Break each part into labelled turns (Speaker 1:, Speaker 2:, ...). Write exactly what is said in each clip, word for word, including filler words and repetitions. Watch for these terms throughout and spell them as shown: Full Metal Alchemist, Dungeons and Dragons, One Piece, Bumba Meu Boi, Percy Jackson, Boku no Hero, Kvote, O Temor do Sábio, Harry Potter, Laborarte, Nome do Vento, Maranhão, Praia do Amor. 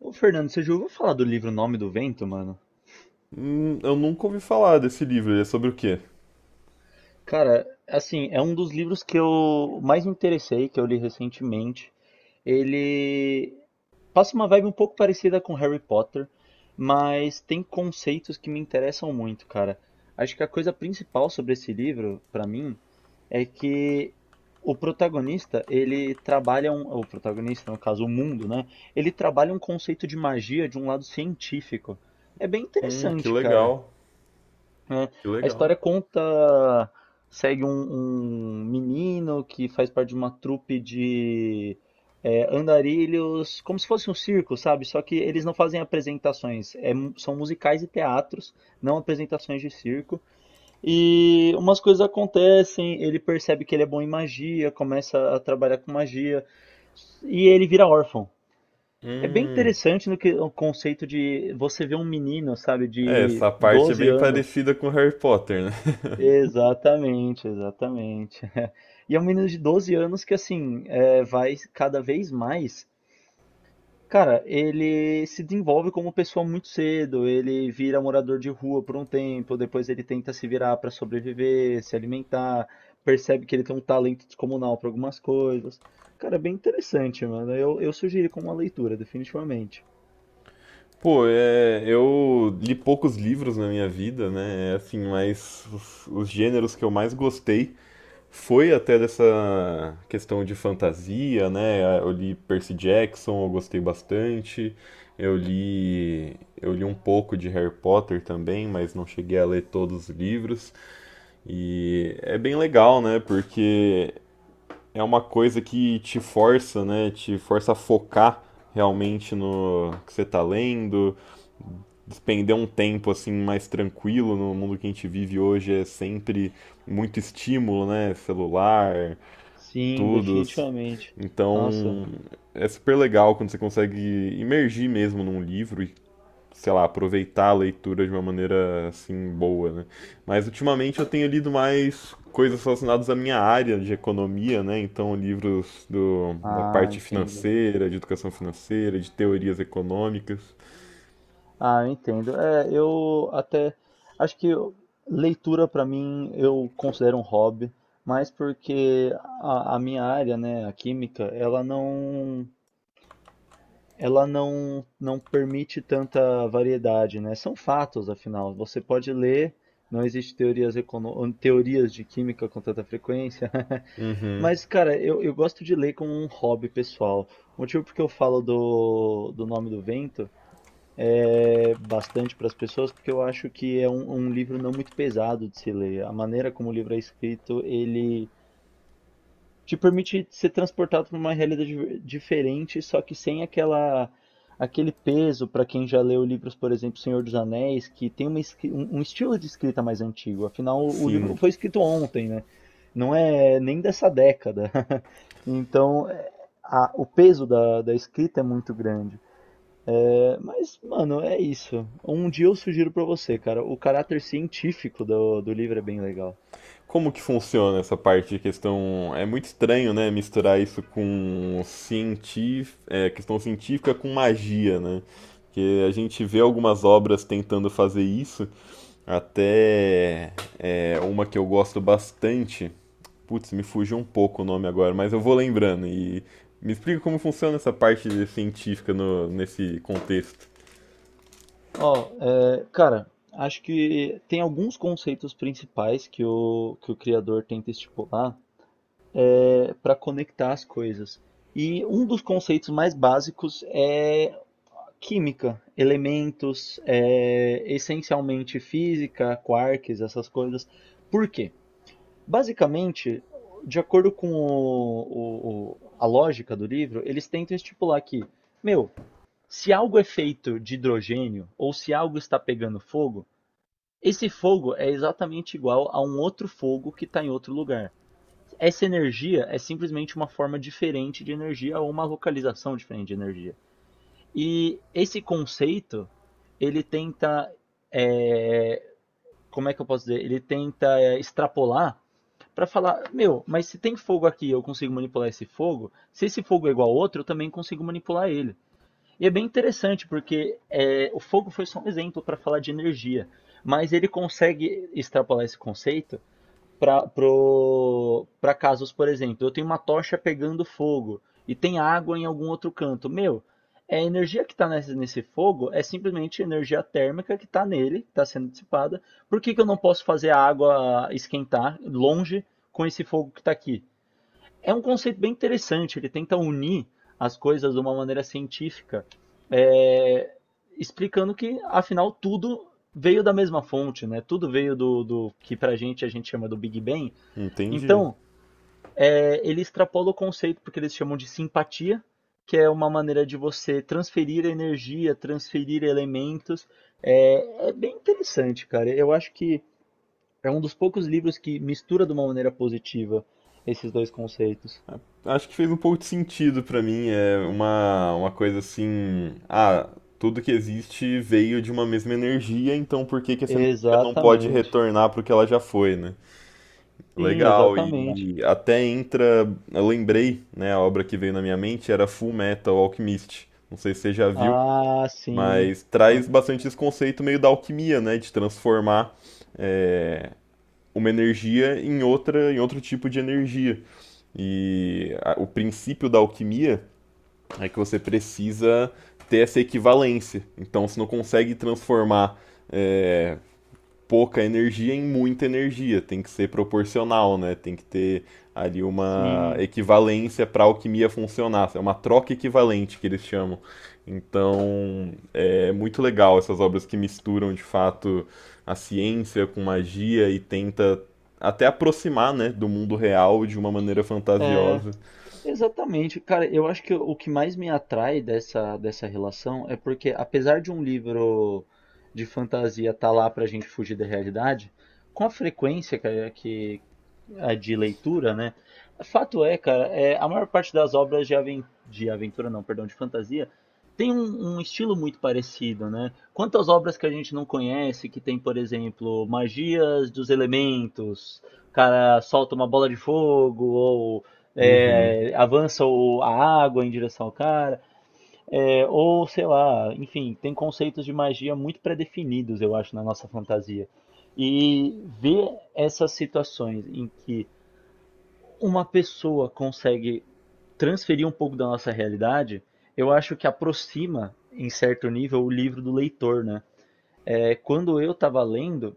Speaker 1: Ô, Fernando, você já ouviu falar do livro Nome do Vento, mano?
Speaker 2: Hum, eu nunca ouvi falar desse livro. Ele é sobre o quê?
Speaker 1: Cara, assim, é um dos livros que eu mais me interessei, que eu li recentemente. Ele passa uma vibe um pouco parecida com Harry Potter, mas tem conceitos que me interessam muito, cara. Acho que a coisa principal sobre esse livro, pra mim, é que o protagonista, ele trabalha um, o protagonista, no caso, o mundo, né? Ele trabalha um conceito de magia de um lado científico. É bem
Speaker 2: Hum, que
Speaker 1: interessante, cara.
Speaker 2: legal.
Speaker 1: Né?
Speaker 2: Que
Speaker 1: A
Speaker 2: legal.
Speaker 1: história conta, segue um, um menino que faz parte de uma trupe de é, andarilhos, como se fosse um circo, sabe? Só que eles não fazem apresentações, é mu- são musicais e teatros, não apresentações de circo. E umas coisas acontecem, ele percebe que ele é bom em magia, começa a trabalhar com magia, e ele vira órfão. É bem
Speaker 2: Hum.
Speaker 1: interessante no que o conceito de você ver um menino, sabe,
Speaker 2: É,
Speaker 1: de
Speaker 2: essa parte é
Speaker 1: doze
Speaker 2: bem
Speaker 1: anos.
Speaker 2: parecida com Harry Potter, né?
Speaker 1: Exatamente, exatamente. E é um menino de doze anos que, assim, é, vai cada vez mais. Cara, ele se desenvolve como pessoa muito cedo. Ele vira morador de rua por um tempo, depois ele tenta se virar para sobreviver, se alimentar, percebe que ele tem um talento descomunal para algumas coisas. Cara, é bem interessante, mano. Eu, eu sugiro como uma leitura, definitivamente.
Speaker 2: Pô, é, eu li poucos livros na minha vida, né? É assim, mas os, os gêneros que eu mais gostei foi até dessa questão de fantasia, né? Eu li Percy Jackson, eu gostei bastante. Eu li, eu li um pouco de Harry Potter também, mas não cheguei a ler todos os livros. E é bem legal, né? Porque é uma coisa que te força, né? Te força a focar realmente no que você tá lendo, despender um tempo assim mais tranquilo no mundo que a gente vive hoje é sempre muito estímulo, né? Celular,
Speaker 1: Sim,
Speaker 2: tudo.
Speaker 1: definitivamente. Nossa.
Speaker 2: Então é super legal quando você consegue imergir mesmo num livro e sei lá, aproveitar a leitura de uma maneira assim boa, né? Mas ultimamente eu tenho lido mais coisas relacionadas à minha área de economia, né? Então livros do, da
Speaker 1: Ah,
Speaker 2: parte
Speaker 1: entendi.
Speaker 2: financeira, de educação financeira, de teorias econômicas.
Speaker 1: Ah, eu entendo. É, eu até acho que eu- leitura para mim eu considero um hobby, mas porque a, a minha área, né, a química, ela não, ela não, não permite tanta variedade, né? São fatos, afinal. Você pode ler, não existe teorias econo- teorias de química com tanta frequência.
Speaker 2: Uhum.
Speaker 1: Mas, cara, eu, eu gosto de ler como um hobby pessoal. O motivo porque eu falo do, do nome do vento é, bastante para as pessoas, porque eu acho que é um, um livro não muito pesado de se ler. A maneira como o livro é escrito, ele te permite ser transportado para uma realidade di- diferente, só que sem aquela aquele peso para quem já leu livros, por exemplo, Senhor dos Anéis, que tem uma esqui- um um estilo de escrita mais antigo. Afinal, o livro não
Speaker 2: Sim.
Speaker 1: foi escrito ontem, né? Não é nem dessa década. Então, é, a- o peso da, da escrita é muito grande. É, mas, mano, é isso. Um dia eu sugiro pra você, cara. O caráter científico do, do livro é bem legal.
Speaker 2: Como que funciona essa parte de questão? É muito estranho, né, misturar isso com cientif... é, questão científica com magia, né? Porque a gente vê algumas obras tentando fazer isso, até é, uma que eu gosto bastante. Putz, me fugiu um pouco o nome agora, mas eu vou lembrando. E me explica como funciona essa parte científica no- nesse contexto.
Speaker 1: Ó, é, cara, acho que tem alguns conceitos principais que o, que o criador tenta estipular é, para conectar as coisas. E um dos conceitos mais básicos é química, elementos, é, essencialmente física, quarks, essas coisas. Por quê? Basicamente, de acordo com o- o- o- a lógica do livro, eles tentam estipular que, meu, se algo é feito de hidrogênio ou se algo está pegando fogo, esse fogo é exatamente igual a um outro fogo que está em outro lugar. Essa energia é simplesmente uma forma diferente de energia ou uma localização diferente de energia. E esse conceito, ele tenta, é, como é que eu posso dizer? Ele tenta é, extrapolar. Pra falar, meu, mas se tem fogo aqui, e eu consigo manipular esse fogo. Se esse fogo é igual a outro, eu também consigo manipular ele. E é bem interessante porque é, o fogo foi só um exemplo para falar de energia, mas ele consegue extrapolar esse conceito para casos, por exemplo, eu tenho uma tocha pegando fogo e tem água em algum outro canto. Meu, é a energia que está nesse, nesse fogo é simplesmente energia térmica que está nele, que está sendo dissipada. Por que, que eu não posso fazer a água esquentar longe com esse fogo que está aqui? É um conceito bem interessante, ele tenta unir as coisas de uma maneira científica, é, explicando que, afinal, tudo veio da mesma fonte, né? Tudo veio do, do que pra gente a gente chama do Big Bang,
Speaker 2: Entendi.
Speaker 1: então, é, ele extrapola o conceito porque eles chamam de simpatia, que é uma maneira de você transferir energia, transferir elementos. É, é bem interessante, cara. Eu acho que é um dos poucos livros que mistura de uma maneira positiva esses dois conceitos.
Speaker 2: Acho que fez um pouco de sentido pra mim. É uma, uma coisa assim. Ah, tudo que existe veio de uma mesma energia, então por que que essa energia não pode
Speaker 1: Exatamente.
Speaker 2: retornar pro que ela já foi, né?
Speaker 1: Sim,
Speaker 2: Legal,
Speaker 1: exatamente.
Speaker 2: e até entra. Eu lembrei, né? A obra que veio na minha mente era Full Metal Alchemist. Não sei se você já viu,
Speaker 1: Ah, sim.
Speaker 2: mas traz bastante esse conceito meio da alquimia, né? De transformar é, uma energia em outra, em outro tipo de energia. E a- o princípio da alquimia é que você precisa ter essa equivalência. Então você não consegue transformar é, pouca energia em muita energia. Tem que ser proporcional, né? Tem que ter ali uma
Speaker 1: Sim.
Speaker 2: equivalência para a alquimia funcionar. É uma troca equivalente que eles chamam. Então é muito legal essas obras que misturam de fato a ciência com magia e tenta até aproximar né, do mundo real de uma maneira fantasiosa.
Speaker 1: Exatamente, cara, eu acho que o que mais me atrai dessa, dessa relação é porque, apesar de um livro de fantasia estar lá pra gente fugir da realidade, com a frequência, cara, que, a de leitura, né? Fato é, cara, é, a maior parte das obras de, aven- de aventura, não, perdão, de fantasia, tem um, um estilo muito parecido, né? Quantas obras que a gente não conhece que tem, por exemplo, magias dos elementos, o cara solta uma bola de fogo, ou
Speaker 2: Uhum.
Speaker 1: é, avança o- a água em direção ao cara, é, ou sei lá, enfim, tem conceitos de magia muito pré-definidos, eu acho, na nossa fantasia. E ver essas situações em que uma pessoa consegue transferir um pouco da nossa realidade, eu acho que aproxima, em certo nível, o livro do leitor, né? É, quando eu estava lendo,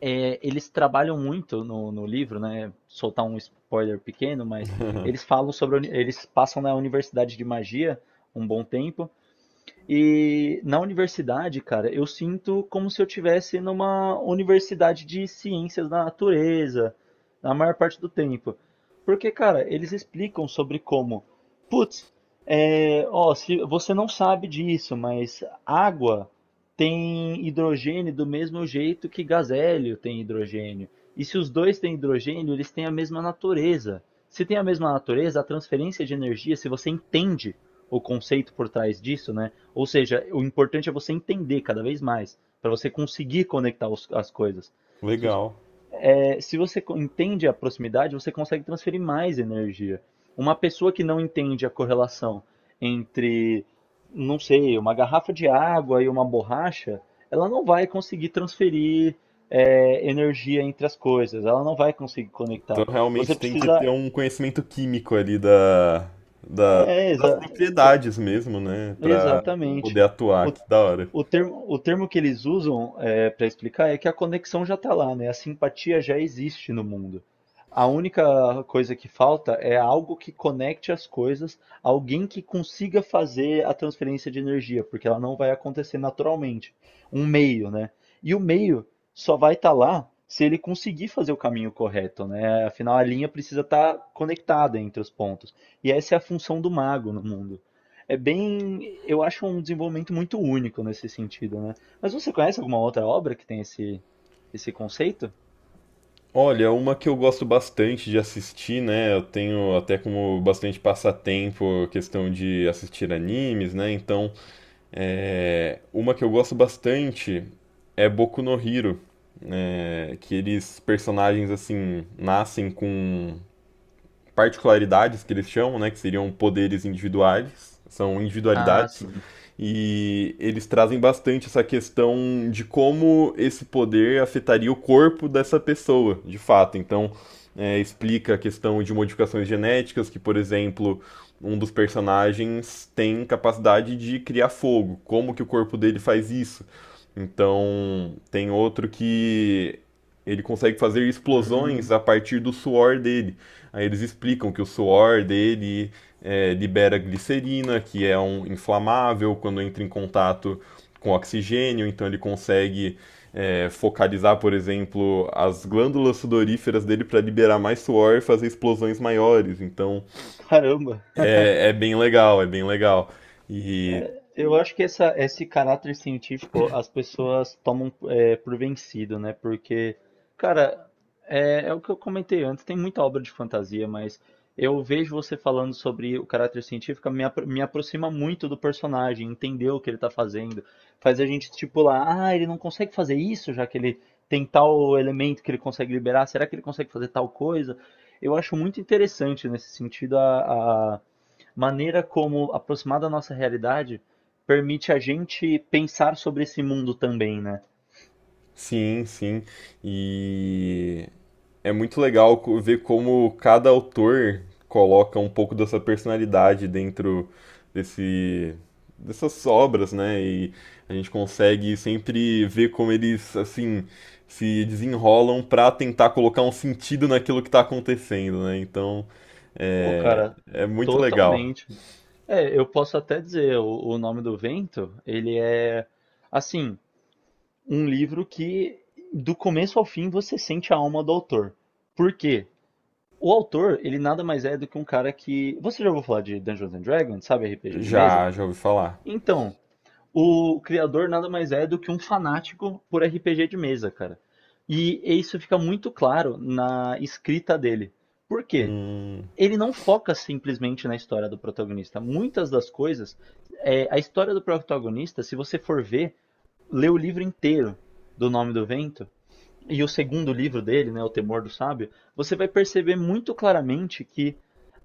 Speaker 1: é, eles trabalham muito no, no livro, né? Soltar um spoiler pequeno, mas eles falam sobre a uni- eles passam na Universidade de Magia um bom tempo e na universidade, cara, eu sinto como se eu tivesse numa universidade de ciências da natureza, na maior parte do tempo. Porque, cara, eles explicam sobre como, putz, é, ó, se você não sabe disso, mas água tem hidrogênio do mesmo jeito que gás hélio tem hidrogênio. E se os dois têm hidrogênio, eles têm a mesma natureza. Se tem a mesma natureza, a transferência de energia, se você entende o conceito por trás disso, né? Ou seja, o importante é você entender cada vez mais, para você conseguir conectar os- as coisas. Se,
Speaker 2: Legal.
Speaker 1: é, se você entende a proximidade, você consegue transferir mais energia. Uma pessoa que não entende a correlação entre, não sei, uma garrafa de água e uma borracha, ela não vai conseguir transferir, é, energia entre as coisas, ela não vai conseguir
Speaker 2: Então
Speaker 1: conectar. Você
Speaker 2: realmente tem que ter
Speaker 1: precisa.
Speaker 2: um conhecimento químico ali da, da-
Speaker 1: É,
Speaker 2: das
Speaker 1: exa-
Speaker 2: propriedades mesmo, né? Pra poder
Speaker 1: exatamente.
Speaker 2: atuar,
Speaker 1: O
Speaker 2: que da hora.
Speaker 1: O termo, o termo que eles usam para explicar é que a conexão já está lá, né? A simpatia já existe no mundo. A única coisa que falta é algo que conecte as coisas, alguém que consiga fazer a transferência de energia, porque ela não vai acontecer naturalmente. Um meio, né? E o meio só vai estar lá se ele conseguir fazer o caminho correto, né? Afinal, a linha precisa estar conectada entre os pontos. E essa é a função do mago no mundo. É bem, eu acho um desenvolvimento muito único nesse sentido, né? Mas você conhece alguma outra obra que tem esse esse conceito?
Speaker 2: Olha, uma que eu gosto bastante de assistir, né? Eu tenho até como bastante passatempo a questão de assistir animes, né? Então, é, uma que eu gosto bastante é Boku no Hero, né? Que eles, personagens assim, nascem com particularidades que eles chamam, né, que seriam poderes individuais, são
Speaker 1: Ah,
Speaker 2: individualidades
Speaker 1: sim.
Speaker 2: e eles trazem bastante essa questão de como esse poder afetaria o corpo dessa pessoa, de fato. Então, é, explica a questão de modificações genéticas, que, por exemplo, um dos personagens tem capacidade de criar fogo. Como que o corpo dele faz isso? Então, tem outro que ele consegue fazer
Speaker 1: Hum,
Speaker 2: explosões a partir do suor dele. Aí eles explicam que o suor dele é, libera glicerina, que é um inflamável quando entra em contato com oxigênio, então ele consegue é, focalizar, por exemplo, as glândulas sudoríferas dele para liberar mais suor e fazer explosões maiores. Então
Speaker 1: caramba.
Speaker 2: é, é bem legal, é bem legal. E
Speaker 1: Eu acho que essa, esse caráter científico as pessoas tomam é, por vencido, né? Porque, cara, é, é o que eu comentei antes, tem muita obra de fantasia, mas eu vejo você falando sobre o caráter científico, me, apro- me aproxima muito do personagem, entender o que ele tá fazendo. Faz a gente estipular, ah, ele não consegue fazer isso, já que ele tem tal elemento que ele consegue liberar, será que ele consegue fazer tal coisa? Eu acho muito interessante nesse sentido a, a- maneira como aproximar da nossa realidade permite a gente pensar sobre esse mundo também, né?
Speaker 2: sim, sim. E É muito legal co- ver como cada autor coloca um pouco dessa personalidade dentro desse, dessas obras, né? E a gente consegue sempre ver como eles, assim, se desenrolam para tentar colocar um sentido naquilo que está acontecendo, né? Então,
Speaker 1: Pô,
Speaker 2: é,
Speaker 1: cara,
Speaker 2: é muito legal.
Speaker 1: totalmente. É, eu posso até dizer, o, o Nome do Vento, ele é, assim, um livro que do começo ao fim você sente a alma do autor. Por quê? O autor, ele nada mais é do que um cara que... Você já ouviu falar de Dungeons and Dragons, sabe, R P G de mesa?
Speaker 2: Já, já ouvi falar.
Speaker 1: Então, o criador nada mais é do que um fanático por R P G de mesa, cara. E isso fica muito claro na escrita dele. Por quê?
Speaker 2: Hum,
Speaker 1: Ele não foca simplesmente na história do protagonista. Muitas das coisas, é, a história do protagonista, se você for ver, lê o livro inteiro do Nome do Vento, e o segundo livro dele, né, O Temor do Sábio, você vai perceber muito claramente que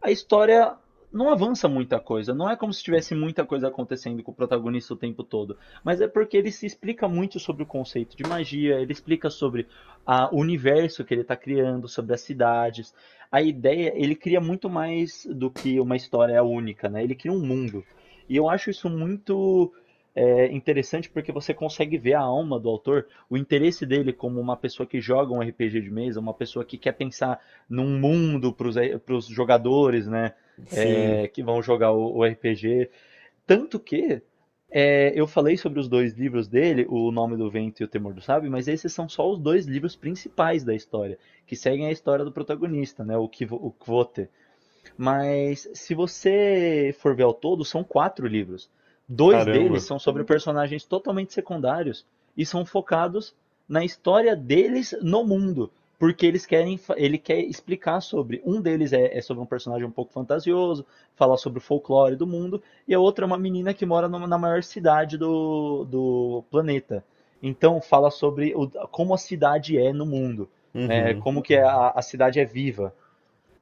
Speaker 1: a história não avança muita coisa. Não é como se tivesse muita coisa acontecendo com o protagonista o tempo todo. Mas é porque ele se explica muito sobre o conceito de magia, ele explica sobre a, o universo que ele está criando, sobre as cidades. A ideia, ele cria muito mais do que uma história única, né? Ele cria um mundo. E eu acho isso muito é, interessante porque você consegue ver a alma do autor, o interesse dele como uma pessoa que joga um R P G de mesa, uma pessoa que quer pensar num mundo para os jogadores, né?
Speaker 2: sim,
Speaker 1: É, que vão jogar o, o R P G. Tanto que é, eu falei sobre os dois livros dele, O Nome do Vento e O Temor do Sábio, mas esses são só os dois livros principais da história, que seguem a história do protagonista, né? O Kvote. Mas se você for ver ao todo, são quatro livros. Dois deles
Speaker 2: caramba.
Speaker 1: são sobre personagens totalmente secundários e são focados na história deles no mundo, porque eles querem, ele quer explicar sobre. Um deles é, é sobre um personagem um pouco fantasioso, falar sobre o folclore do mundo, e a outra é uma menina que mora numa- na maior cidade do, do planeta. Então fala sobre o- como a cidade é no mundo, né?
Speaker 2: Uhum.
Speaker 1: Como que a, a cidade é viva.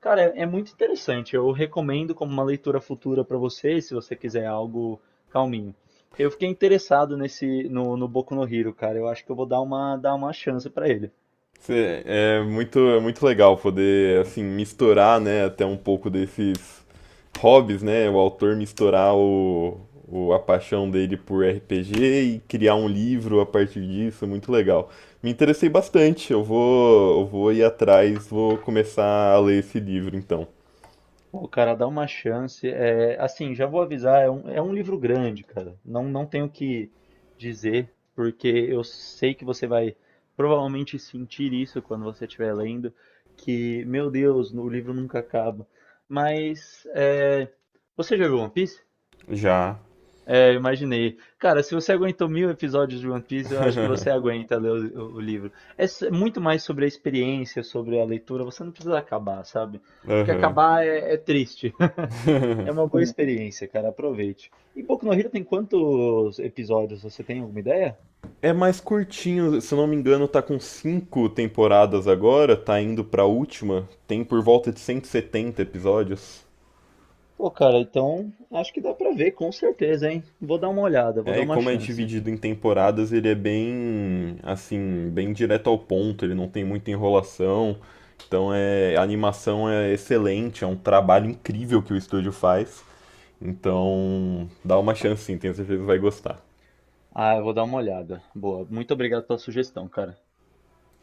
Speaker 1: Cara, é é muito interessante. Eu recomendo como uma leitura futura para você, se você quiser algo calminho. Eu fiquei interessado nesse no, no Boku no Hero, cara. Eu acho que eu vou dar uma dar uma chance para ele.
Speaker 2: Cê- É muito, é muito legal poder assim misturar, né, até um pouco desses hobbies, né, o autor misturar o, o- a paixão dele por R P G e criar um livro a partir disso, é muito legal. Me interessei bastante, eu vou, eu vou ir atrás, vou começar a ler esse livro então.
Speaker 1: Pô, cara, dá uma chance. É, assim, já vou avisar, é um, é um livro grande, cara. Não, não tenho o que dizer, porque eu sei que você vai provavelmente sentir isso quando você estiver lendo, que, meu Deus, o livro nunca acaba. Mas, é, você já viu One Piece?
Speaker 2: Já.
Speaker 1: Eu imaginei. Cara, se você aguentou mil episódios de One Piece, eu acho que você aguenta ler o, o livro. É s- é muito mais sobre a experiência, sobre a leitura. Você não precisa acabar, sabe? Porque
Speaker 2: Aham.
Speaker 1: acabar é, é triste. É uma boa experiência, cara. Aproveite. E Boku no Hero tem quantos episódios? Você tem alguma ideia?
Speaker 2: É mais curtinho, se eu não me engano, tá com cinco temporadas agora, tá indo pra última. Tem por volta de cento e setenta episódios.
Speaker 1: Pô, cara, então acho que dá pra ver, com certeza, hein? Vou dar uma olhada, vou
Speaker 2: É,
Speaker 1: dar
Speaker 2: e
Speaker 1: uma
Speaker 2: como é
Speaker 1: chance.
Speaker 2: dividido em temporadas, ele é bem, assim, bem direto ao ponto, ele não tem muita enrolação. Então é, a animação é excelente, é um trabalho incrível que o estúdio faz. Então, dá uma chance sim, tenho certeza que vai gostar.
Speaker 1: Ah, eu vou dar uma olhada. Boa. Muito obrigado pela sugestão, cara.